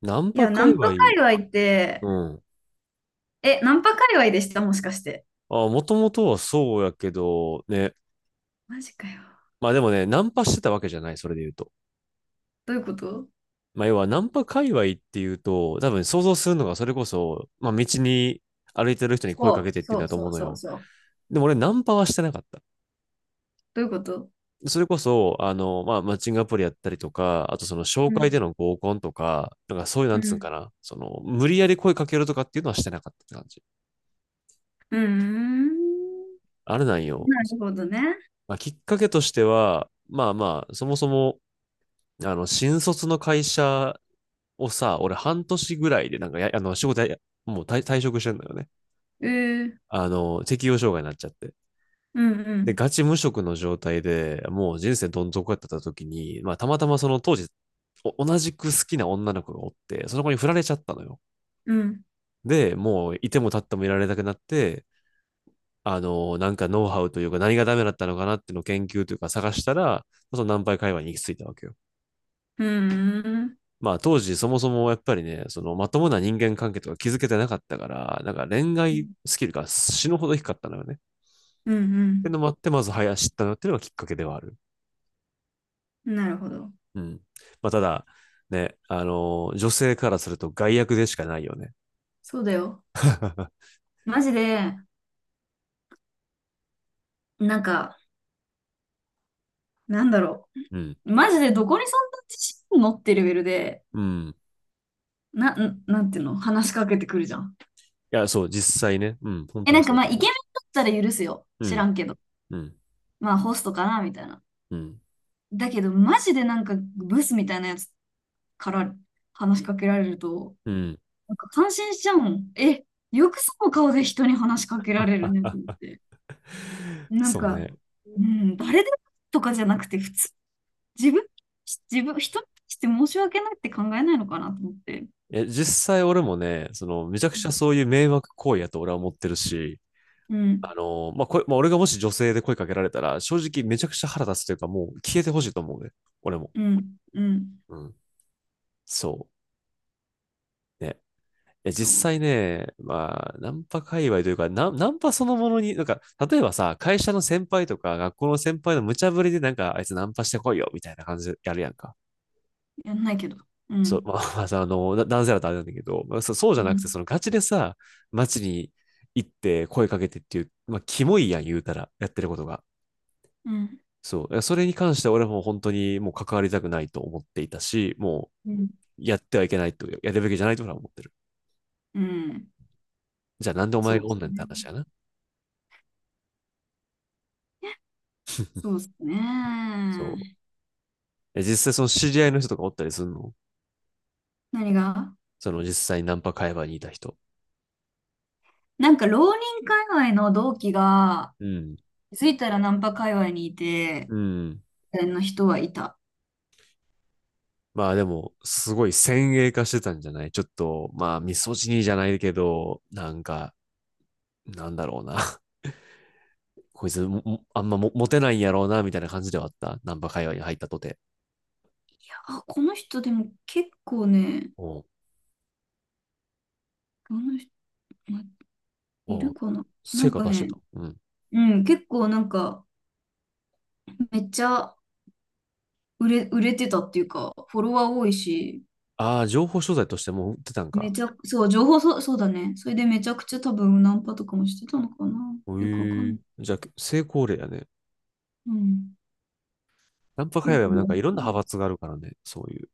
ナンいパや、ナ界ン隈、パ界隈っうて、ん。え、ナンパ界隈でしたもしかして。あ、もともとはそうやけど、ね。マジかよ。まあでもね、ナンパしてたわけじゃない、それで言うと。どういうこと？まあ要は、ナンパ界隈っていうと、多分想像するのがそれこそ、まあ道に歩いてる人に声かけそてう、っていうんそだう、とそ思ううのそう、よ。そう。でも俺、ナンパはしてなかった。どういうこと？それこそ、まあ、マッチングアプリやったりとか、あとその紹う介でん、の合コンとか、なんかそういう、なうんつうんん。かな、その、無理やり声かけるとかっていうのはしてなかったって感じ。うーん。あれなんよ。なるほどね。まあ、きっかけとしては、まあまあ、そもそも、新卒の会社をさ、俺半年ぐらいでなんかや、仕事や、もう退職してんだよね。うー、あの、適応障害になっちゃって。うん、うで、ん、ガチ無職の状態でもう人生どん底やってた時に、まあ、たまたまその当時、お同じく好きな女の子がおって、その子に振られちゃったのよ。うん、で、もういても立ってもいられなくなって、なんかノウハウというか何がダメだったのかなっていうのを研究というか探したら、そのナンパイ会話に行き着いたわけよ。うーん、まあ当時そもそもやっぱりね、そのまともな人間関係とか築けてなかったから、なんか恋愛スキルが死ぬほど低かったのよね。っうん、うていうのん。もあって、まず早知ったのっていうのがきっかけではある。なるほど。うん。まあただ、ね、女性からすると害悪でしかないよね。そうだよ。マジで、なんか、なんだろうん。う。マジでどこにそんな自信持ってレベルで、うん。いなんていうの話しかけてくるじゃん。や、そう、実際ね。うん。本え、当なにんかそうだまあ、とイケ思メンだったら許すよ。う。う知らん。んけど。うん。まあホストかなみたいな。うん。だけど、マジでなんかブスみたいなやつから話しかけられると、うん。なんか感心しちゃうもん。え、よくその顔で人に話しかけられるねって思って。なんそうか、ね。うん、誰でもとかじゃなくて、普通、自分、自分、人に対して申し訳ないって考えないのかなと思って。え、実際俺もね、その、めちゃくちゃそういう迷惑行為やと俺は思ってるし、うん、まあ、こまあ、俺がもし女性で声かけられたら、正直めちゃくちゃ腹立つというか、もう消えてほしいと思うね。俺も。うん、うん、うん。そう。ね。え、そ実う、際ね、まあ、ナンパ界隈というか、ナン、ナンパそのものに、なんか、例えばさ、会社の先輩とか、学校の先輩の無茶ぶりで、なんか、あいつナンパしてこいよ、みたいな感じでやるやんか。やんないけど。うそう、ん、まあ、まあさ、な男性だとあれなんだけど、まあ、そそうじうゃなくて、ん、そのガチでさ、街に行って声かけてっていう、まあ、キモいやん、言うたら、やってることが。うん、そう。それに関しては俺も本当にもう関わりたくないと思っていたし、もうん、うやってはいけないと、やるべきじゃないと俺は思ってる。うん、じゃあなんでお前そうがでおんすねんってね。話やな。そうですそね。う。え実際その知り合いの人とかおったりするの何が？その実際ナンパ会話にいた人。なんか浪人界隈の同期が、うん。気づいたらナンパ界隈にいて、うん。みたいな人はいた。まあでも、すごい先鋭化してたんじゃないちょっと、まあ、ミソジニーじゃないけど、なんか、なんだろうな。こいつも、もあんまもモテないんやろうな、みたいな感じではあった。ナンパ会話に入ったとて。あ、この人でも結構ね、おうこの人、まいおるうかな。な成ん果か出してね、た。うん。うん、結構なんか、めっちゃ売れてたっていうか、フォロワー多いし、ああ、情報商材としてもう売ってたんめか。ちゃ、そう、情報、そう、そうだね。それでめちゃくちゃ多分ナンパとかもしてたのかなよくわかえんなえい。じゃあ、成功例やね。うん。ナンパ界よ隈くもなわんかかんいろんなな派い。閥があるからね。そういう、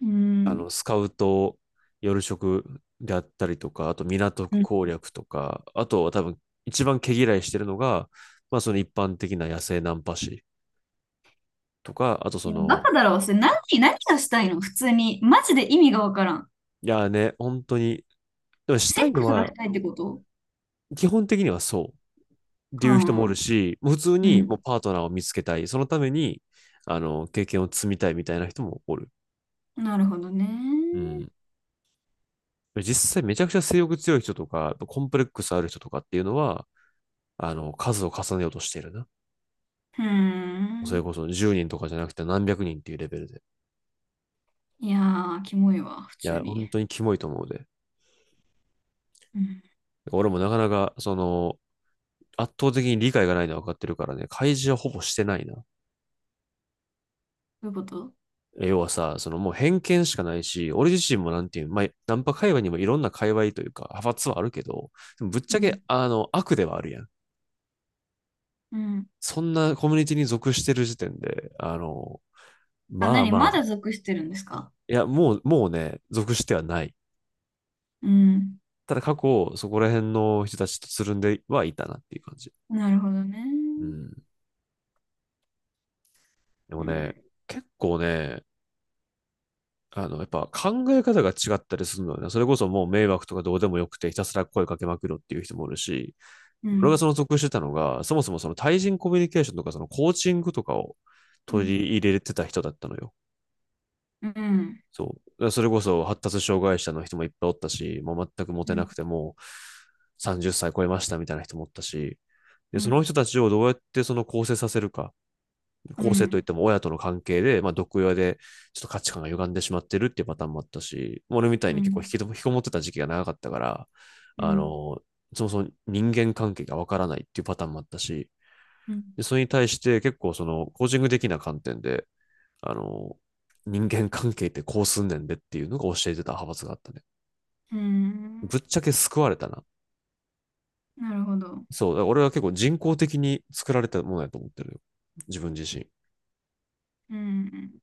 うあん。の、スカウト、夜食であったりとか、あと港区攻略とか、あとは多分一番毛嫌いしてるのが、まあその一般的な野生ナンパ師とか、あといそや、バの、カだろ。それ何、何がしたいの普通に。マジで意味がわからん。いやーね、本当に、でもしセッたいクのスがしはたいってこと？基本的にはそうっていう人もおはるあ、し、普通うにもうん。パートナーを見つけたい、そのために、経験を積みたいみたいな人もおる。なるほどうね。ん。実際めちゃくちゃ性欲強い人とか、コンプレックスある人とかっていうのは、数を重ねようとしてるな。うーそれん。こそ10人とかじゃなくて何百人っていうレベルで。いやー、キモいわ、普い通や、に。本当にキモいと思うで。うん。俺もなかなか、その、圧倒的に理解がないのは分かってるからね、開示はほぼしてないな。どういうこと？要はさ、そのもう偏見しかないし、俺自身もなんていう、まあ、ナンパ界隈にもいろんな界隈というか、派閥はあるけど、ぶっちうゃん。け、悪ではあるやん。うん。そんなコミュニティに属してる時点で、あ、まあ何ままだあ属してるんですか？いや、もう、もうね、属してはない。うん。ただ過去、そこら辺の人たちとつるんではいたなっていう感じ。なるほどね。うん。でうもね、ん。結構ね、やっぱ考え方が違ったりするのよね。それこそもう迷惑とかどうでもよくてひたすら声かけまくるっていう人もいるし、う俺がそん。の属してたのが、そもそもその対人コミュニケーションとかそのコーチングとかをう取ん。り入れてた人だったのよ。うん。うん。そう。それこそ発達障害者の人もいっぱいおったし、もう全くモうテなん。くてもう30歳超えましたみたいな人もおったし、うで、そん。の人たちをどうやってその構成させるか、う構成といっん。ても親との関係で、まあ、毒親でちょっと価値観が歪んでしまってるっていうパターンもあったし、俺みたいうに結構引ん。きも引きこもってた時期が長かったから、あの、そもそも人間関係がわからないっていうパターンもあったし、うん。で、それに対して結構そのコーチング的な観点で、あの、人間関係ってこうすんねんでっていうのが教えてた派閥があったね。うん。ぶっちゃけ救われたな。なるほど。そう、だから俺は結構人工的に作られたものやと思ってるよ。自分自身。うん。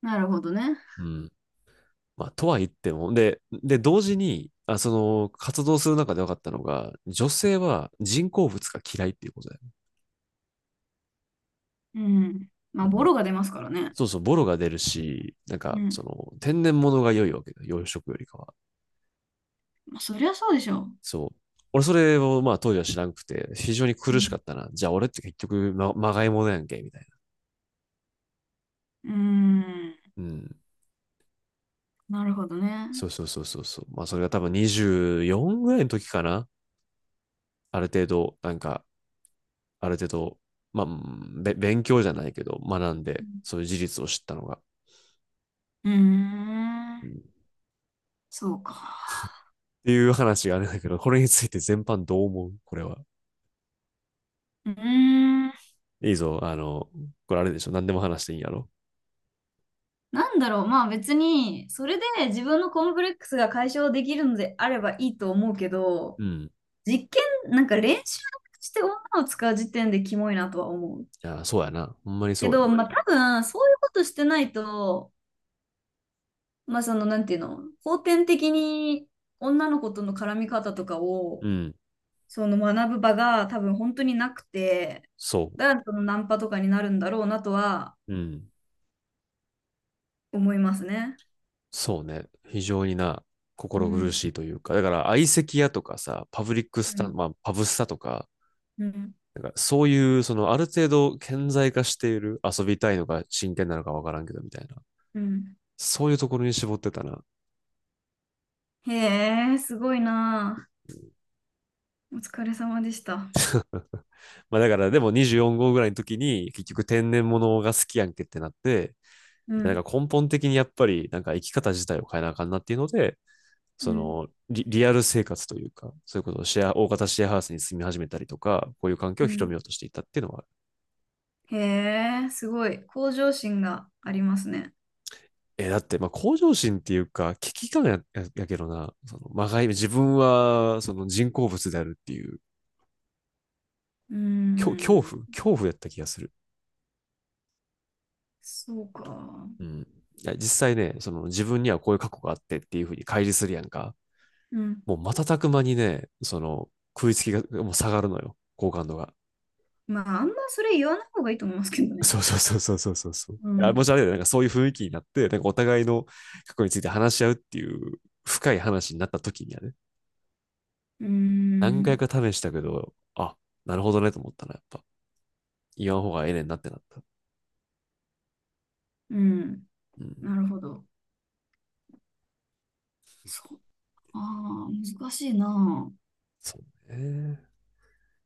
なるほどね。うん。まあ、とは言っても、で、同時に、その、活動する中で分かったのが、女性は人工物が嫌いっていうことだよ。うん。まうあ、ボん。ロが出ますからね。そうそう、ボロが出るし、なんうか、そん。の、天然物が良いわけだ養殖よりかは。まあ、そりゃそうでしょう。そう。俺それをまあ当時は知らんくて、非常にう苦しかん。ったな。じゃあ俺って結局ま、まがいものやんけ、みたいうーん。な。うん。なるほどね。そう。まあそれが多分24ぐらいの時かな。ある程度、なんか、ある程度、まあ、うんべ勉強じゃないけど、学んうで、ん。そういう事実を知ったのが。うーうん、っん。そうか。ていう話があるんだけど、これについて全般どう思うこれは。うーん。いいぞ。あの、これあれでしょ。何でも話していいんやろ。なんだろう。まあ別に、それで自分のコンプレックスが解消できるのであればいいと思うけど、うん。実験、なんか練習して女を使う時点でキモいなとは思う。いや、そうやな。ほんまにけそうや。ど、まあ多分、そういうことしてないと、まあその、なんていうの、後天的に女の子との絡み方とかうを、ん。その学ぶ場が多分本当になくて、そだからそのナンパとかになるんだろうなとはう。うん。思いますね。そうね。非常にな、う心苦ん。しいというか、だから相席屋とかさ、パブリックスうタン、ん。まあ、パブスタとか、うん。なんかそういう、そのある程度顕在化している、遊びたいのか真剣なのかわからんけどみたいな。うん。そういうところに絞ってたな。へえ、すごいなあ。お疲れ様でした。まあだからでも24号ぐらいの時に結局天然物が好きやんけってなって、うなんん。か根本的にやっぱりなんか生き方自体を変えなあかんなっていうので、うそん。のリリアル生活というか、そういうことをシェア、大型シェアハウスに住み始めたりとか、こういう環境うを広ん。めようとしていたっていうのはへえ、すごい。向上心がありますね。え、だって、まあ、向上心っていうか、危機感や、ややけどな、その、まがい、自分は、その人工物であるっていう、う恐恐怖ん。恐怖やった気がする。そうか。うん。いや、実際ね、その、自分にはこういう過去があってっていうふうに乖離するやんか。うん。もう瞬く間にね、その、食いつきが、もう下がるのよ、好感度が。まあ、あんまそれ言わない方がいいと思いますけど ね。そう。うあ、もん。しあれだよ、なんかそういう雰囲気になって、なんかお互いの過去について話し合うっていう深い話になった時にはね、う何回ん。か試したけど、あ、なるほどねと思ったな、やっぱ。言わん方がええねんなってなった。うん。うん。なるほど。そう。ああ、難しいな。そうね。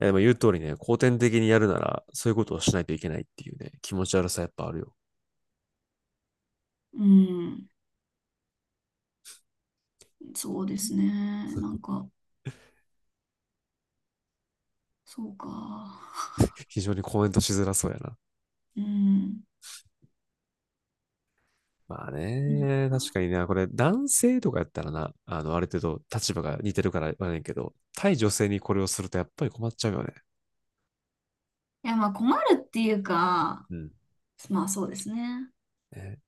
えでも言う通りね、後天的にやるなら、そういうことをしないといけないっていうね、気持ち悪さやっぱあるよ。うん、そうですね。なんか、そうか。非常にコメントしづらそうやな。うん。まあいね、確かにね、これ男性とかやったらな、ある程度立場が似てるから言わねんけど、対女性にこれをするとやっぱり困っちゃうよね。や、まあ困るっていうか、うん。まあそうですね。ね